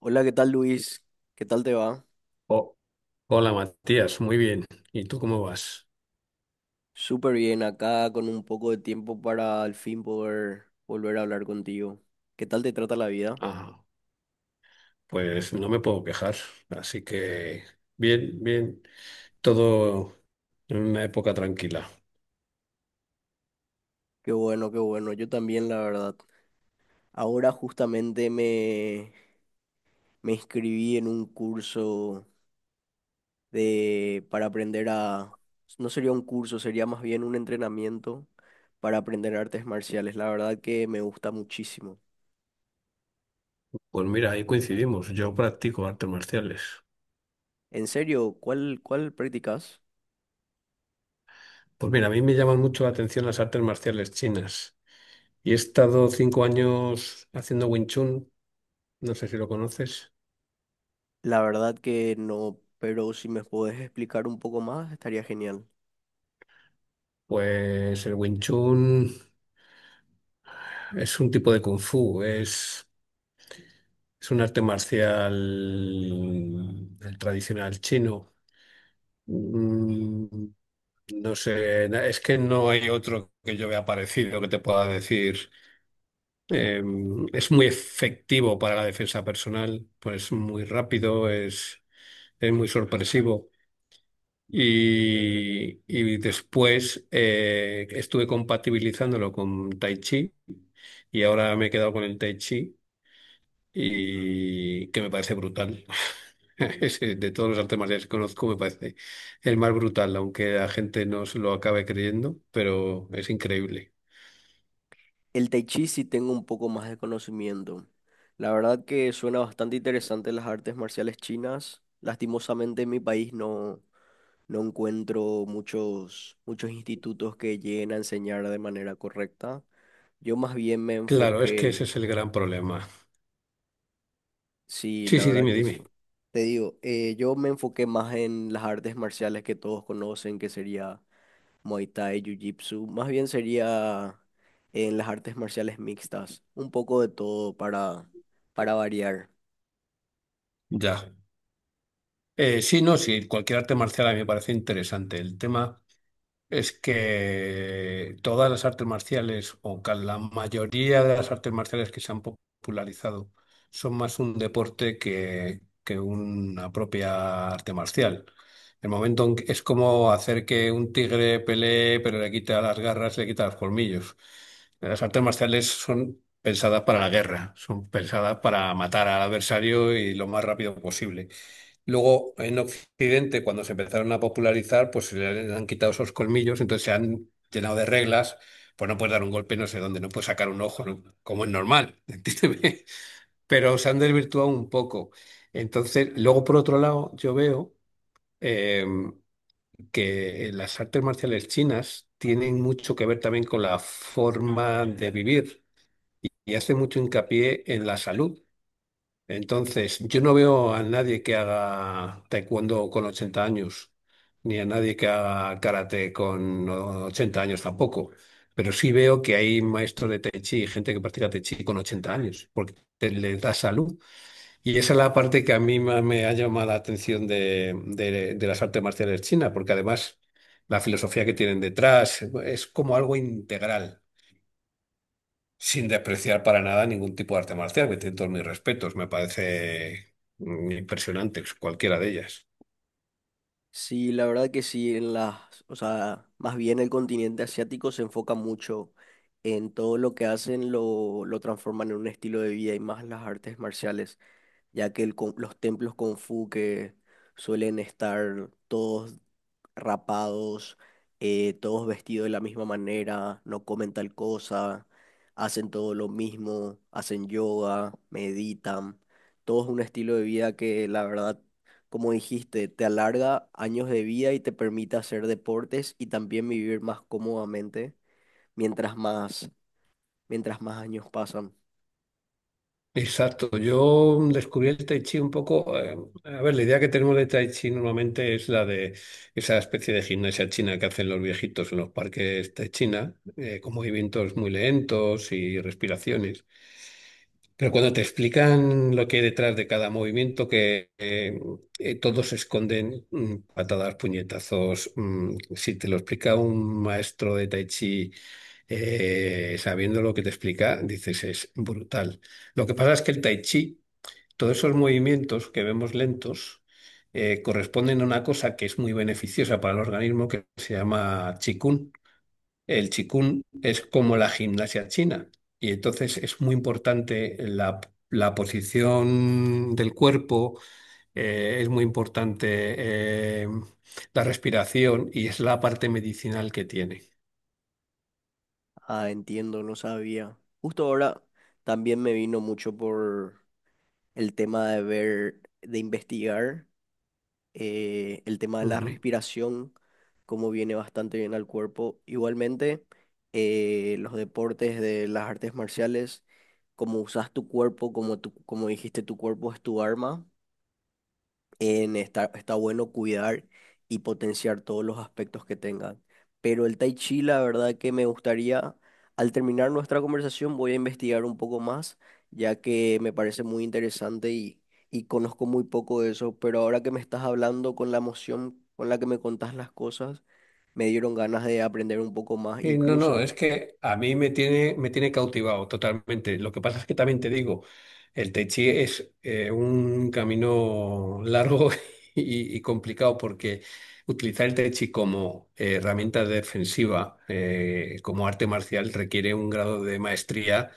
Hola, ¿qué tal Luis? ¿Qué tal te va? Oh, hola Matías, muy bien. ¿Y tú cómo vas? Súper bien, acá con un poco de tiempo para al fin poder volver a hablar contigo. ¿Qué tal te trata la vida? Ah, pues no me puedo quejar, así que bien, bien, todo en una época tranquila. Qué bueno, yo también la verdad. Ahora justamente me inscribí en un curso de, para aprender a... No sería un curso, sería más bien un entrenamiento para aprender artes marciales. La verdad que me gusta muchísimo. Pues mira, ahí coincidimos, yo practico artes marciales. En serio, ¿cuál practicas? Pues mira, a mí me llaman mucho la atención las artes marciales chinas y he estado 5 años haciendo Wing Chun, no sé si lo conoces. La verdad que no, pero si me puedes explicar un poco más, estaría genial. Pues el Wing Chun es un tipo de Kung Fu, es un arte marcial, el tradicional chino. Mm, No sé, es que no hay otro que yo vea parecido que te pueda decir. Eh, es muy efectivo para la defensa personal, pues es muy rápido, es muy sorpresivo. Y después, estuve compatibilizándolo con Tai Chi, y ahora me he quedado con el Tai Chi, y que me parece brutal. De todos los artes marciales que conozco, me parece el más brutal, aunque la gente no se lo acabe creyendo, pero es increíble. El Tai Chi sí tengo un poco más de conocimiento. La verdad que suena bastante interesante las artes marciales chinas. Lastimosamente en mi país no encuentro muchos institutos que lleguen a enseñar de manera correcta. Yo más bien me Claro, es que enfoqué, ese es el gran problema. sí, Sí, la sí, verdad dime, que sí. dime. Te digo, yo me enfoqué más en las artes marciales que todos conocen, que sería Muay Thai, Jiu-Jitsu. Más bien sería en las artes marciales mixtas, un poco de todo para variar. Ya. Sí, no, sí, cualquier arte marcial a mí me parece interesante. El tema. Es que todas las artes marciales, o la mayoría de las artes marciales que se han popularizado, son más un deporte que una propia arte marcial. El momento en que- Es como hacer que un tigre pelee, pero le quita las garras, le quita los colmillos. Las artes marciales son pensadas para la guerra, son pensadas para matar al adversario y lo más rápido posible. Luego, en Occidente, cuando se empezaron a popularizar, pues se le han quitado esos colmillos, entonces se han llenado de reglas; pues no puedes dar un golpe no sé dónde, no puedes sacar un ojo, ¿no?, como es normal, entiéndeme. Pero se han desvirtuado un poco. Entonces, luego por otro lado, yo veo eh, que las artes marciales chinas tienen mucho que ver también con la forma de vivir y hace mucho hincapié en la salud. Entonces, yo no veo a nadie que haga taekwondo con 80 años, ni a nadie que haga karate con 80 años tampoco. Pero sí veo que hay maestros de tai chi y gente que practica tai chi con 80 años, porque les da salud. Y esa es la parte que a mí me ha llamado la atención de, de las artes marciales chinas, porque además la filosofía que tienen detrás es como algo integral, sin despreciar para nada ningún tipo de arte marcial, que tiene todos mis respetos. Me parece impresionante cualquiera de ellas. Sí, la verdad que sí, en las, o sea, más bien el continente asiático se enfoca mucho en todo lo que hacen, lo transforman en un estilo de vida y más las artes marciales, ya que los templos Kung Fu que suelen estar todos rapados, todos vestidos de la misma manera, no comen tal cosa, hacen todo lo mismo, hacen yoga, meditan, todo es un estilo de vida que la verdad, como dijiste, te alarga años de vida y te permite hacer deportes y también vivir más cómodamente mientras más, mientras más años pasan. Exacto, yo descubrí el Tai Chi un poco, a ver, la idea que tenemos de Tai Chi normalmente es la de esa especie de gimnasia china que hacen los viejitos en los parques de China, con movimientos muy lentos y respiraciones. Pero cuando te explican lo que hay detrás de cada movimiento, que todos se esconden patadas, puñetazos. Si te lo explica un maestro de Tai Chi, sabiendo lo que te explica, dices, es brutal. Lo que pasa es que el Tai Chi, todos esos movimientos que vemos lentos, corresponden a una cosa que es muy beneficiosa para el organismo, que se llama Qigong. El chikun es como la gimnasia china, y entonces es muy importante la posición del cuerpo, es muy importante eh, la respiración, y es la parte medicinal que tiene. Ah, entiendo, no sabía. Justo ahora también me vino mucho por el tema de ver, de investigar. El tema de la Ujú. respiración, cómo viene bastante bien al cuerpo. Igualmente, los deportes de las artes marciales, cómo usas tu cuerpo, como dijiste, tu cuerpo es tu arma en está bueno cuidar y potenciar todos los aspectos que tengan. Pero el Tai Chi, la verdad que me gustaría, al terminar nuestra conversación, voy a investigar un poco más, ya que me parece muy interesante y conozco muy poco de eso. Pero ahora que me estás hablando con la emoción con la que me contás las cosas, me dieron ganas de aprender un poco más. Sí, no, no, Incluso es que a mí me tiene cautivado totalmente. Lo que pasa es que también te digo, el Tai Chi es un camino largo, y complicado, porque utilizar el Tai Chi como herramienta defensiva, como arte marcial, requiere un grado de maestría,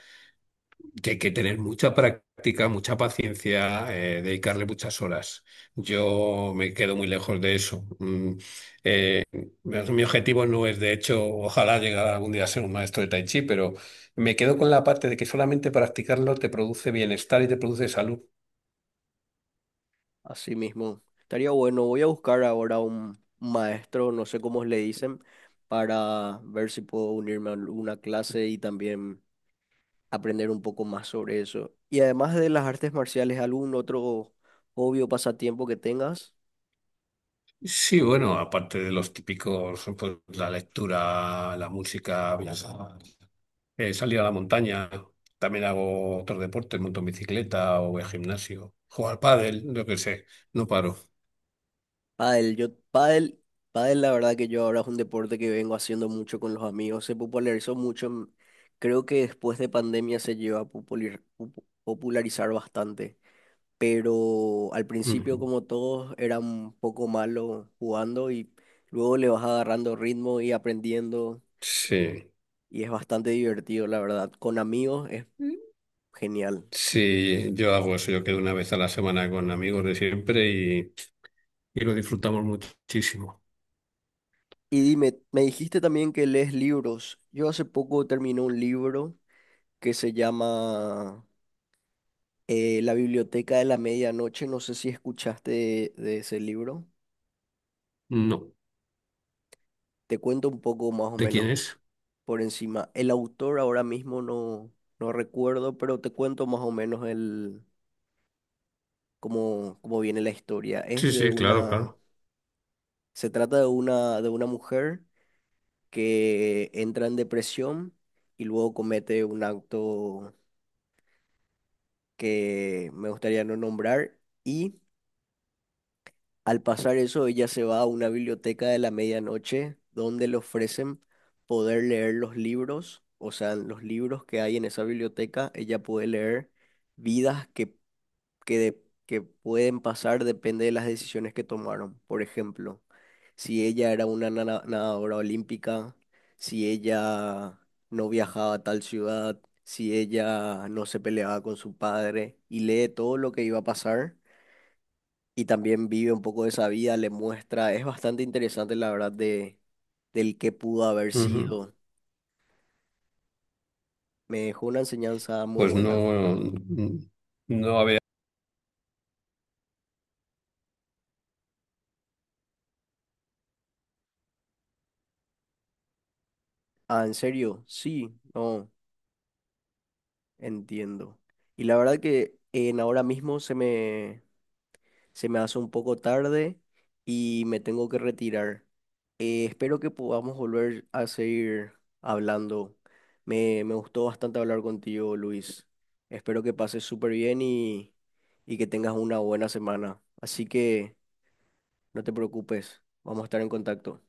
que hay que tener mucha práctica, mucha paciencia, dedicarle muchas horas. Yo me quedo muy lejos de eso. Verás, mi objetivo no es, de hecho, ojalá llegar algún día a ser un maestro de Tai Chi, pero me quedo con la parte de que solamente practicarlo te produce bienestar y te produce salud. así mismo. Estaría bueno. Voy a buscar ahora un maestro, no sé cómo le dicen, para ver si puedo unirme a una clase y también aprender un poco más sobre eso. Y además de las artes marciales, ¿algún otro hobby o pasatiempo que tengas? Sí, bueno, aparte de los típicos, pues, la lectura, la música, salir a la montaña, también hago otros deportes, monto en bicicleta o voy al gimnasio, jugar pádel, lo que sé, no paro. Pádel. Pádel, la verdad que yo ahora es un deporte que vengo haciendo mucho con los amigos. Se popularizó mucho. Creo que después de pandemia se lleva a popularizar bastante. Pero al principio Ujú. como todos era un poco malo jugando y luego le vas agarrando ritmo y aprendiendo Sí, y es bastante divertido, la verdad. Con amigos es genial. sí, yo hago eso, yo quedo una vez a la semana con amigos de siempre y lo disfrutamos muchísimo. Y dime, me dijiste también que lees libros. Yo hace poco terminé un libro que se llama La Biblioteca de la Medianoche. No sé si escuchaste de ese libro. No. Te cuento un poco más o ¿De quién menos es? por encima. El autor ahora mismo no recuerdo, pero te cuento más o menos el, cómo viene la historia. Sí, sí, claro, claro. Se trata de una mujer que entra en depresión y luego comete un acto que me gustaría no nombrar y al pasar eso ella se va a una biblioteca de la medianoche donde le ofrecen poder leer los libros, o sea, los libros que hay en esa biblioteca, ella puede leer vidas que pueden pasar depende de las decisiones que tomaron. Por ejemplo, si ella era una nadadora olímpica, si ella no viajaba a tal ciudad, si ella no se peleaba con su padre y lee todo lo que iba a pasar y también vive un poco de esa vida, le muestra, es bastante interesante la verdad del que pudo haber Ujú. sido. Me dejó una enseñanza muy Pues buena. no, mm, no, Ah, ¿en serio? Sí, no. Entiendo. Y la verdad que en ahora mismo se me hace un poco tarde y me tengo que retirar. Espero que podamos volver a seguir hablando. Me gustó bastante hablar contigo, Luis. Espero que pases súper bien y que tengas una buena semana. Así que no te preocupes, vamos a estar en contacto.